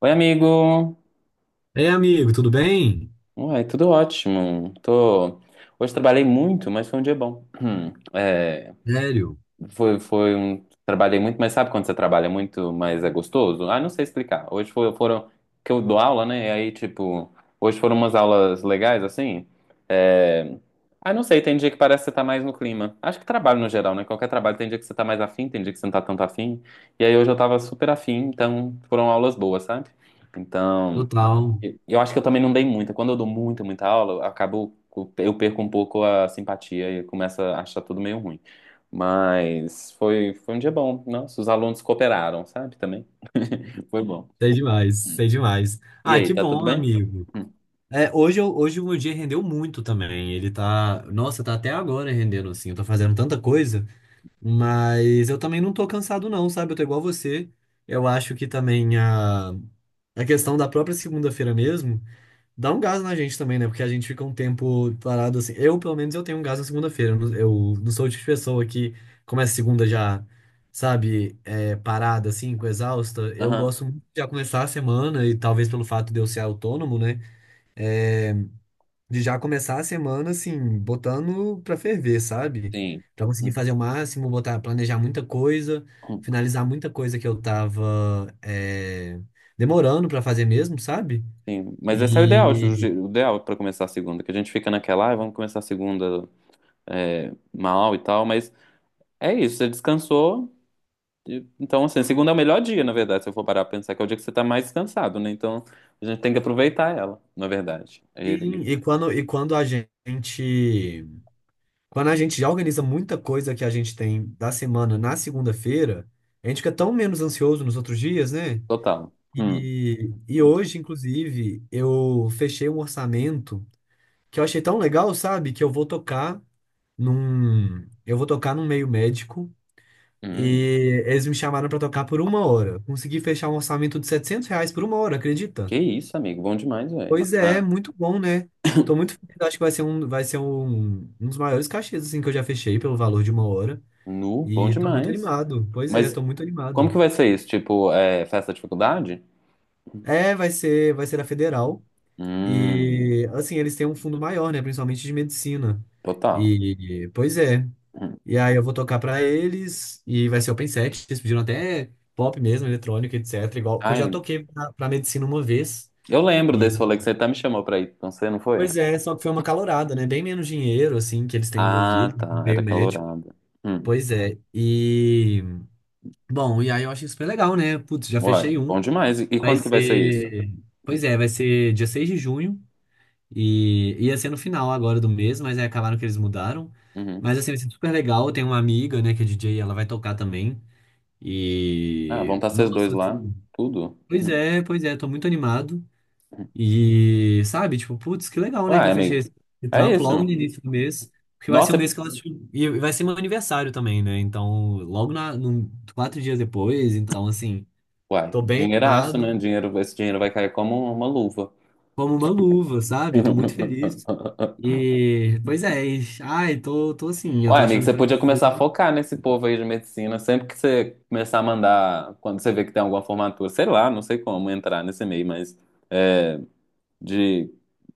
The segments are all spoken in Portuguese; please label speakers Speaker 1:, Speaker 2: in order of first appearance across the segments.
Speaker 1: Oi, amigo!
Speaker 2: Ei, amigo, tudo bem?
Speaker 1: Uai, tudo ótimo. Hoje trabalhei muito, mas foi um dia bom. É,
Speaker 2: Sério?
Speaker 1: Trabalhei muito, mas sabe quando você trabalha muito, mas é gostoso? Ah, não sei explicar. Que eu dou aula, né? Hoje foram umas aulas legais, assim. É... Ah, não sei, tem dia que parece que você tá mais no clima. Acho que trabalho no geral, né? Qualquer trabalho tem dia que você tá mais afim, tem dia que você não tá tanto afim. E aí hoje eu tava super afim, então foram aulas boas, sabe? Então...
Speaker 2: Total.
Speaker 1: Eu acho que eu também não dei muita. Quando eu dou muita aula, eu acabo, eu perco um pouco a simpatia e começo a achar tudo meio ruim. Mas foi um dia bom. Nossa, os alunos cooperaram, sabe? Também. Foi bom.
Speaker 2: Sei demais,
Speaker 1: Hum.
Speaker 2: sei demais.
Speaker 1: E
Speaker 2: Ah,
Speaker 1: aí,
Speaker 2: que
Speaker 1: tá tudo
Speaker 2: bom,
Speaker 1: bem?
Speaker 2: amigo.
Speaker 1: Hum.
Speaker 2: É, hoje, hoje o meu dia rendeu muito também. Ele tá. Nossa, tá até agora rendendo, assim. Eu tô fazendo tanta coisa, mas eu também não tô cansado, não, sabe? Eu tô igual você. Eu acho que também a questão da própria segunda-feira mesmo. Dá um gás na gente também, né? Porque a gente fica um tempo parado assim. Eu, pelo menos, eu tenho um gás na segunda-feira. Não, eu não sou o tipo de pessoa que começa segunda já, sabe, parada, assim, com exausta. Eu
Speaker 1: Aham,
Speaker 2: gosto muito de já começar a semana, e talvez pelo fato de eu ser autônomo, né? é, de já começar a semana, assim, botando pra ferver, sabe?
Speaker 1: sim.
Speaker 2: Pra conseguir
Speaker 1: Hum,
Speaker 2: fazer o máximo, botar, planejar muita coisa,
Speaker 1: hum,
Speaker 2: finalizar muita coisa que eu tava, demorando pra fazer mesmo, sabe?
Speaker 1: sim. Mas esse é o ideal, o
Speaker 2: E
Speaker 1: je- o ideal para começar a segunda, que a gente fica naquela, ah, vamos começar a segunda é, mal e tal, mas é isso, você descansou, Então, assim, segunda é o melhor dia, na verdade, se eu for parar pra pensar, que é o dia que você tá mais cansado, né? Então, a gente tem que aproveitar ela, na verdade.
Speaker 2: Sim, e quando a gente já organiza muita coisa que a gente tem da semana na segunda-feira, a gente fica tão menos ansioso nos outros dias, né?
Speaker 1: Total. Hum,
Speaker 2: E hoje, inclusive, eu fechei um orçamento que eu achei tão legal, sabe? Que eu vou tocar num meio médico
Speaker 1: hum.
Speaker 2: e eles me chamaram pra tocar por uma hora. Consegui fechar um orçamento de R$ 700 por uma hora, acredita?
Speaker 1: Que isso, amigo. Bom demais, velho.
Speaker 2: Pois
Speaker 1: Ah,
Speaker 2: é, muito bom, né? Tô muito feliz, acho que vai ser um, um dos maiores cachês assim, que eu já fechei pelo valor de uma hora.
Speaker 1: nu, bom
Speaker 2: E tô muito
Speaker 1: demais.
Speaker 2: animado. Pois é, tô
Speaker 1: Mas
Speaker 2: muito
Speaker 1: como
Speaker 2: animado.
Speaker 1: que vai ser isso? Tipo, é, festa de faculdade?
Speaker 2: É, vai ser a federal.
Speaker 1: Hum,
Speaker 2: E assim, eles têm um fundo maior, né? Principalmente de medicina.
Speaker 1: total.
Speaker 2: E pois é.
Speaker 1: Hum.
Speaker 2: E aí eu vou tocar pra eles e vai ser open set. Eles pediram até pop mesmo, eletrônico, etc. Igual, porque eu já
Speaker 1: Ai,
Speaker 2: toquei pra medicina uma vez.
Speaker 1: eu lembro desse rolê que você até me chamou pra ir com você, não foi?
Speaker 2: Pois é, só que foi uma calorada, né? Bem menos dinheiro, assim, que eles têm
Speaker 1: Ah,
Speaker 2: envolvido,
Speaker 1: tá.
Speaker 2: ter
Speaker 1: Era
Speaker 2: médico.
Speaker 1: calorada. Hum.
Speaker 2: Pois é. Bom, e aí eu achei super legal, né? Putz, já
Speaker 1: Uai,
Speaker 2: fechei um.
Speaker 1: bom demais. E
Speaker 2: Vai
Speaker 1: quando que vai ser isso?
Speaker 2: ser. Pois é, vai ser dia 6 de junho. E ia ser no final agora do mês, mas aí acabaram que eles mudaram.
Speaker 1: Uhum.
Speaker 2: Mas assim, vai ser super legal. Eu tenho uma amiga, né, que é DJ, e ela vai tocar também.
Speaker 1: Ah, vão estar vocês dois
Speaker 2: Nossa,
Speaker 1: lá.
Speaker 2: assim.
Speaker 1: Tudo. Hum.
Speaker 2: Pois é, tô muito animado. E, sabe, tipo, putz, que legal, né, que
Speaker 1: Uai,
Speaker 2: eu fechei
Speaker 1: amigo.
Speaker 2: esse
Speaker 1: É
Speaker 2: trampo logo no
Speaker 1: isso.
Speaker 2: início do mês, porque vai ser
Speaker 1: Nossa,
Speaker 2: um
Speaker 1: é-
Speaker 2: mês que eu acho. E vai ser meu aniversário também, né, então, logo 4 dias depois, então, assim,
Speaker 1: uai,
Speaker 2: tô bem
Speaker 1: dinheiraço, né?
Speaker 2: animado,
Speaker 1: Dinheiro, esse dinheiro vai cair como uma luva.
Speaker 2: como uma luva, sabe, eu tô muito feliz. E, pois é, ai, tô assim, eu tô
Speaker 1: Uai, amigo,
Speaker 2: achando
Speaker 1: você
Speaker 2: que vai
Speaker 1: podia
Speaker 2: ser
Speaker 1: começar a
Speaker 2: tudo.
Speaker 1: focar nesse povo aí de medicina. Sempre que você começar a mandar, quando você vê que tem alguma formatura, sei lá, não sei como entrar nesse meio, mas é, de,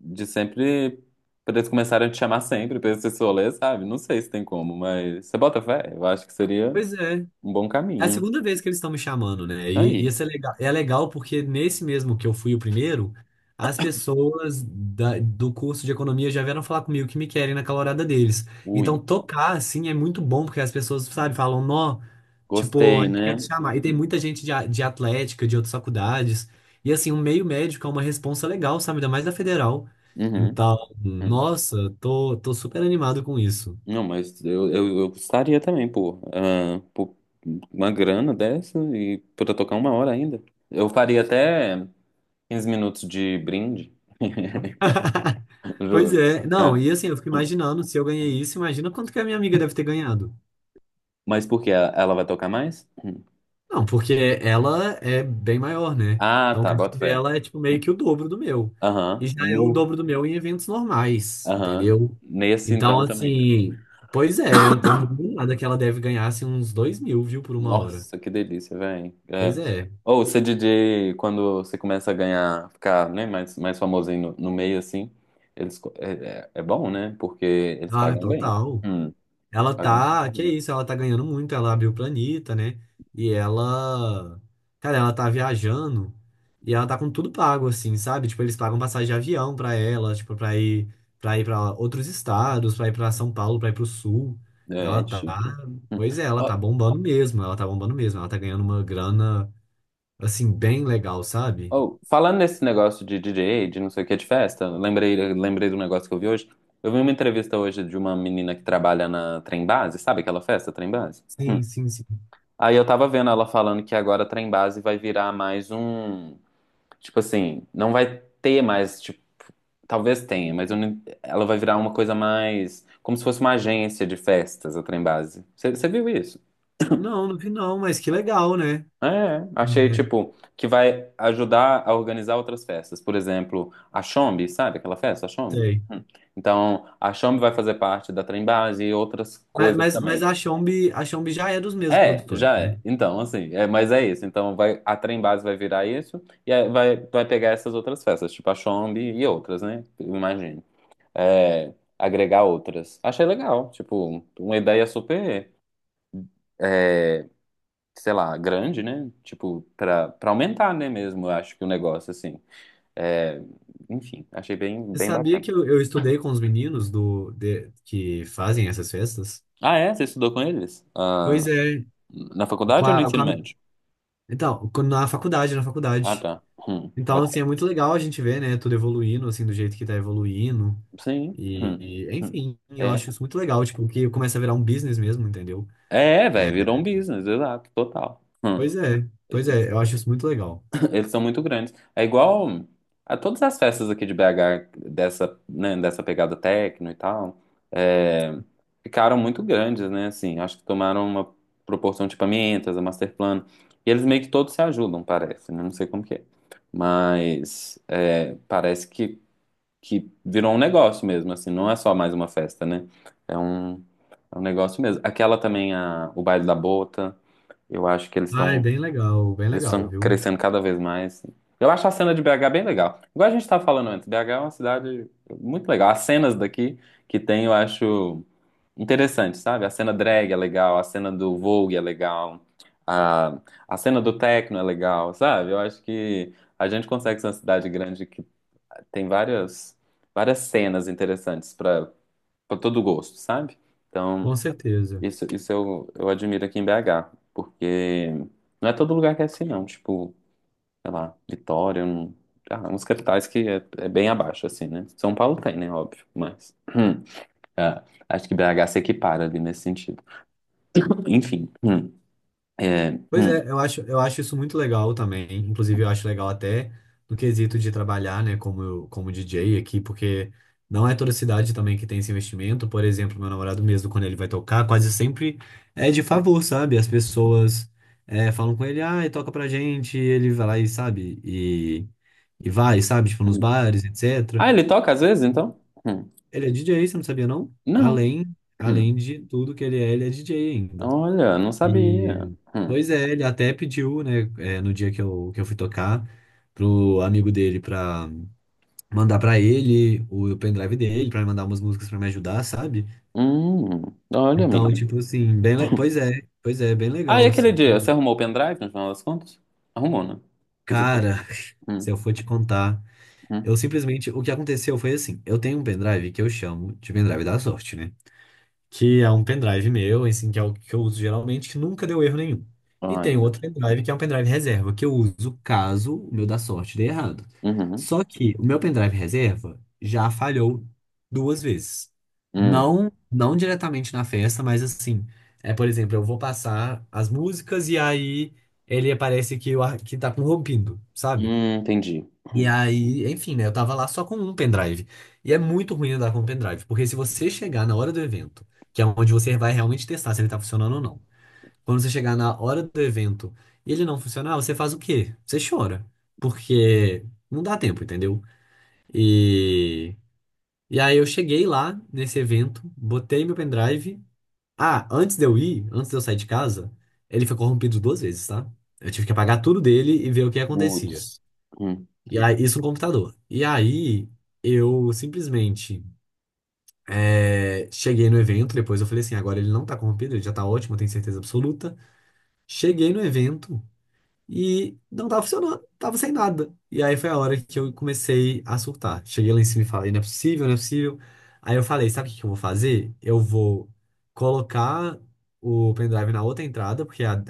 Speaker 1: de sempre. Pra eles começarem a te chamar sempre, pra esse rolê, sabe? Não sei se tem como, mas você bota fé. Eu acho que seria
Speaker 2: Pois é,
Speaker 1: um bom
Speaker 2: É a
Speaker 1: caminho.
Speaker 2: segunda vez que eles estão me chamando, né? E
Speaker 1: Aí.
Speaker 2: isso é legal porque nesse mesmo que eu fui o primeiro, as pessoas do curso de economia já vieram falar comigo que me querem naquela horada deles. Então,
Speaker 1: Ui.
Speaker 2: tocar, assim, é muito bom, porque as pessoas, sabe, falam, nó, tipo, a
Speaker 1: Gostei,
Speaker 2: gente quer te
Speaker 1: né?
Speaker 2: chamar. E tem muita gente de atlética, de outras faculdades. E, assim, um meio médico é uma responsa legal, sabe? Ainda mais da federal.
Speaker 1: Uhum,
Speaker 2: Então,
Speaker 1: uhum.
Speaker 2: nossa, tô super animado com isso.
Speaker 1: Não, mas eu gostaria também, pô. Ah, pô, uma grana dessa e pra tocar uma hora ainda. Eu faria até 15 minutos de brinde.
Speaker 2: Pois
Speaker 1: Juro.
Speaker 2: é, não,
Speaker 1: É.
Speaker 2: e assim, eu fico imaginando, se eu ganhei isso, imagina quanto que a minha amiga deve ter ganhado.
Speaker 1: Mas por quê? Ela vai tocar mais? Hum.
Speaker 2: Não, porque ela é bem maior, né?
Speaker 1: Ah,
Speaker 2: Então o
Speaker 1: tá,
Speaker 2: cachê
Speaker 1: bota fé.
Speaker 2: dela é tipo meio que o dobro do meu. E
Speaker 1: Aham.
Speaker 2: já é o
Speaker 1: Nu.
Speaker 2: dobro do meu em eventos normais,
Speaker 1: Aham.
Speaker 2: entendeu?
Speaker 1: Nesse
Speaker 2: Então,
Speaker 1: então também.
Speaker 2: assim, pois é, eu não duvido nada que ela deve ganhar assim, uns 2.000, viu, por uma hora.
Speaker 1: Nossa, que delícia, velho.
Speaker 2: Pois
Speaker 1: É.
Speaker 2: é.
Speaker 1: Ou ser DJ, quando você começa a ganhar, ficar, né, mais famosinho no meio, assim, eles, co- é, é, é bom, né? Porque eles
Speaker 2: Ah,
Speaker 1: pagam bem.
Speaker 2: total.
Speaker 1: Hum, eles
Speaker 2: Ela
Speaker 1: pagam super
Speaker 2: tá, que
Speaker 1: bem.
Speaker 2: isso, ela tá ganhando muito, ela abriu o planeta, né? E ela, cara, ela tá viajando e ela tá com tudo pago assim, sabe? Tipo, eles pagam passagem de avião pra ela, tipo, pra ir para ir para outros estados, pra ir pra São Paulo, pra ir pro sul.
Speaker 1: É,
Speaker 2: Ela
Speaker 1: é
Speaker 2: tá,
Speaker 1: chique. Hum.
Speaker 2: pois é, ela tá
Speaker 1: Ó,
Speaker 2: bombando mesmo, ela tá bombando mesmo, ela tá ganhando uma grana assim bem legal, sabe?
Speaker 1: ó, falando nesse negócio de DJ, de não sei o que, de festa, lembrei do negócio que eu vi hoje. Eu vi uma entrevista hoje de uma menina que trabalha na Trem Base, sabe aquela festa, Trem Base? Hum.
Speaker 2: Sim, sim, sim.
Speaker 1: Aí eu tava vendo ela falando que agora a Trem Base vai virar mais um. Tipo assim, não vai ter mais, tipo, talvez tenha, mas eu não- ela vai virar uma coisa mais, como se fosse uma agência de festas, a Trembase. Você viu isso?
Speaker 2: Não, não vi não, mas que legal, né?
Speaker 1: É, achei,
Speaker 2: É,
Speaker 1: tipo, que vai ajudar a organizar outras festas. Por exemplo, a Chombi, sabe aquela festa, a Chombi?
Speaker 2: sei.
Speaker 1: Então, a Chombi vai fazer parte da Trembase e outras
Speaker 2: Mas,
Speaker 1: coisas
Speaker 2: mas, mas
Speaker 1: também.
Speaker 2: a Xombi já é dos mesmos
Speaker 1: É,
Speaker 2: produtores,
Speaker 1: já é.
Speaker 2: né?
Speaker 1: Mas é isso. Então, vai, a Trembase vai virar isso e aí vai pegar essas outras festas, tipo a Chombi e outras, né? Eu imagino. É, agregar outras. Achei legal, tipo, uma ideia super, é, sei lá, grande, né? Tipo, pra aumentar, né, mesmo, eu acho que o negócio, assim. É, enfim, achei bem,
Speaker 2: Você
Speaker 1: bem
Speaker 2: sabia
Speaker 1: bacana.
Speaker 2: que eu estudei com os meninos que fazem essas festas?
Speaker 1: Ah, é? Você estudou com eles? Ah,
Speaker 2: Pois é,
Speaker 1: na
Speaker 2: com
Speaker 1: faculdade ou no
Speaker 2: a- com
Speaker 1: ensino
Speaker 2: a-
Speaker 1: médio?
Speaker 2: então, na faculdade, na
Speaker 1: Ah,
Speaker 2: faculdade.
Speaker 1: tá.
Speaker 2: Então, assim,
Speaker 1: Bacana.
Speaker 2: é muito legal a gente ver, né, tudo evoluindo, assim, do jeito que tá evoluindo.
Speaker 1: Sim.
Speaker 2: E, e,
Speaker 1: Hum.
Speaker 2: enfim, eu
Speaker 1: É,
Speaker 2: acho isso muito legal, tipo, que começa a virar um business mesmo, entendeu?
Speaker 1: é,
Speaker 2: É,
Speaker 1: velho, virou um business, exato, total. Hum.
Speaker 2: pois é, pois é, eu acho isso muito legal.
Speaker 1: Eles são muito grandes. É igual a todas as festas aqui de BH, dessa, né, dessa pegada techno e tal, é, ficaram muito grandes, né? Assim, acho que tomaram uma proporção de Pamientas, a Masterplan. E eles meio que todos se ajudam, parece, né? Não sei como que é. Mas é, parece que virou um negócio mesmo, assim, não é só mais uma festa, né? É um, é um negócio mesmo. Aquela também, a, o Baile da Bota, eu acho que eles
Speaker 2: Ai,
Speaker 1: estão
Speaker 2: bem
Speaker 1: eles
Speaker 2: legal,
Speaker 1: estão
Speaker 2: viu?
Speaker 1: crescendo cada vez mais. Eu acho a cena de BH bem legal. Igual a gente estava falando antes, BH é uma cidade muito legal. As cenas daqui que tem, eu acho interessante, sabe? A cena drag é legal, a cena do Vogue é legal, a, a cena do techno é legal, sabe? Eu acho que a gente consegue ser uma cidade grande que tem várias cenas interessantes para todo gosto, sabe? Então,
Speaker 2: Com certeza.
Speaker 1: isso eu admiro aqui em BH, porque não é todo lugar que é assim, não. Tipo, sei lá, Vitória, um, ah, uns capitais que é, é bem abaixo, assim, né? São Paulo tem, né? Óbvio, mas é, acho que BH se equipara ali nesse sentido. Enfim. É,
Speaker 2: Pois
Speaker 1: hum,
Speaker 2: é, eu acho isso muito legal também. Inclusive, eu acho legal até no quesito de trabalhar, né, como DJ aqui, porque não é toda cidade também que tem esse investimento. Por exemplo, meu namorado mesmo, quando ele vai tocar, quase sempre é de favor, sabe? As pessoas falam com ele, ah, toca pra gente, e ele vai lá e sabe, e vai, sabe, tipo, nos
Speaker 1: hum.
Speaker 2: bares, etc.
Speaker 1: Ah, ele toca às vezes, então? Hum,
Speaker 2: Ele é DJ, você não sabia, não?
Speaker 1: Não.
Speaker 2: Além, além
Speaker 1: Hum,
Speaker 2: de tudo que ele é DJ ainda.
Speaker 1: olha, não sabia.
Speaker 2: E, pois é, ele até pediu, né, no dia que que eu fui tocar, pro amigo dele pra mandar pra ele o pendrive dele, pra ele mandar umas músicas pra me ajudar, sabe?
Speaker 1: Hum, Olha,
Speaker 2: Então,
Speaker 1: amiga.
Speaker 2: tipo assim, pois é, bem
Speaker 1: Ah, e
Speaker 2: legal,
Speaker 1: aquele
Speaker 2: assim.
Speaker 1: dia, você arrumou o pendrive, no final das contas? Arrumou, né? Quer dizer,
Speaker 2: Cara, se
Speaker 1: hum,
Speaker 2: eu for te contar,
Speaker 1: hum.
Speaker 2: eu simplesmente, o que aconteceu foi assim, eu tenho um pendrive que eu chamo de pendrive da sorte, né? Que é um pendrive meu, assim, que é o que eu uso geralmente, que nunca deu erro nenhum. E
Speaker 1: Ai,
Speaker 2: tem
Speaker 1: meu
Speaker 2: outro
Speaker 1: Deus.
Speaker 2: pendrive que é um pendrive reserva, que eu uso caso o meu da sorte dê errado.
Speaker 1: Uhum,
Speaker 2: Só que o meu pendrive reserva já falhou duas vezes.
Speaker 1: hum,
Speaker 2: Não, não diretamente na festa, mas assim, por exemplo, eu vou passar as músicas e aí ele aparece que, que tá corrompido, sabe?
Speaker 1: entendi.
Speaker 2: E
Speaker 1: Hum,
Speaker 2: aí, enfim, né? Eu tava lá só com um pendrive. E é muito ruim andar com um pendrive, porque se você chegar na hora do evento, que é onde você vai realmente testar se ele tá funcionando ou não, quando você chegar na hora do evento e ele não funcionar, você faz o quê? Você chora, porque não dá tempo, entendeu? E, e aí eu cheguei lá nesse evento, botei meu pendrive. Ah, antes de eu ir, antes de eu sair de casa, ele foi corrompido duas vezes, tá? Eu tive que apagar tudo dele e ver o que acontecia.
Speaker 1: Putz. Hum.
Speaker 2: E aí, isso no computador. E aí eu simplesmente cheguei no evento, depois eu falei assim, agora ele não tá corrompido, ele já tá ótimo, eu tenho certeza absoluta. Cheguei no evento e não tava funcionando, tava sem nada. E aí foi a hora que eu comecei a surtar. Cheguei lá em cima e falei, não é possível, não é possível. Aí eu falei, sabe o que que eu vou fazer? Eu vou colocar o pendrive na outra entrada, porque a,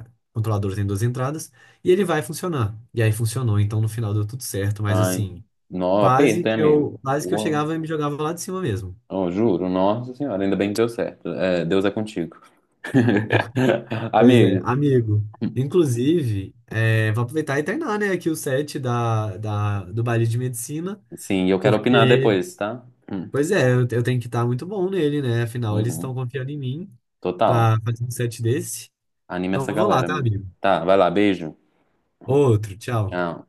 Speaker 2: a controladora tem duas entradas, e ele vai funcionar. E aí funcionou, então no final deu tudo certo, mas
Speaker 1: Ai,
Speaker 2: assim.
Speaker 1: nó,
Speaker 2: Quase
Speaker 1: aperto, hein,
Speaker 2: que
Speaker 1: amigo?
Speaker 2: eu, quase que eu
Speaker 1: Porra.
Speaker 2: chegava e me jogava lá de cima mesmo.
Speaker 1: Oh, juro, nossa senhora, ainda bem que deu certo. É, Deus é contigo.
Speaker 2: Pois é,
Speaker 1: Amigo,
Speaker 2: amigo. Inclusive, vou aproveitar e treinar, né, aqui o set do baile de medicina,
Speaker 1: sim, eu quero opinar
Speaker 2: porque,
Speaker 1: depois, tá? Hum,
Speaker 2: pois é, eu tenho que estar muito bom nele, né? Afinal, eles estão
Speaker 1: uhum,
Speaker 2: confiando em mim
Speaker 1: total.
Speaker 2: pra fazer um set desse.
Speaker 1: Anime
Speaker 2: Então,
Speaker 1: essa
Speaker 2: eu vou lá,
Speaker 1: galera,
Speaker 2: tá,
Speaker 1: amigo.
Speaker 2: amigo?
Speaker 1: Tá, vai lá, beijo.
Speaker 2: Outro, tchau.
Speaker 1: Tchau.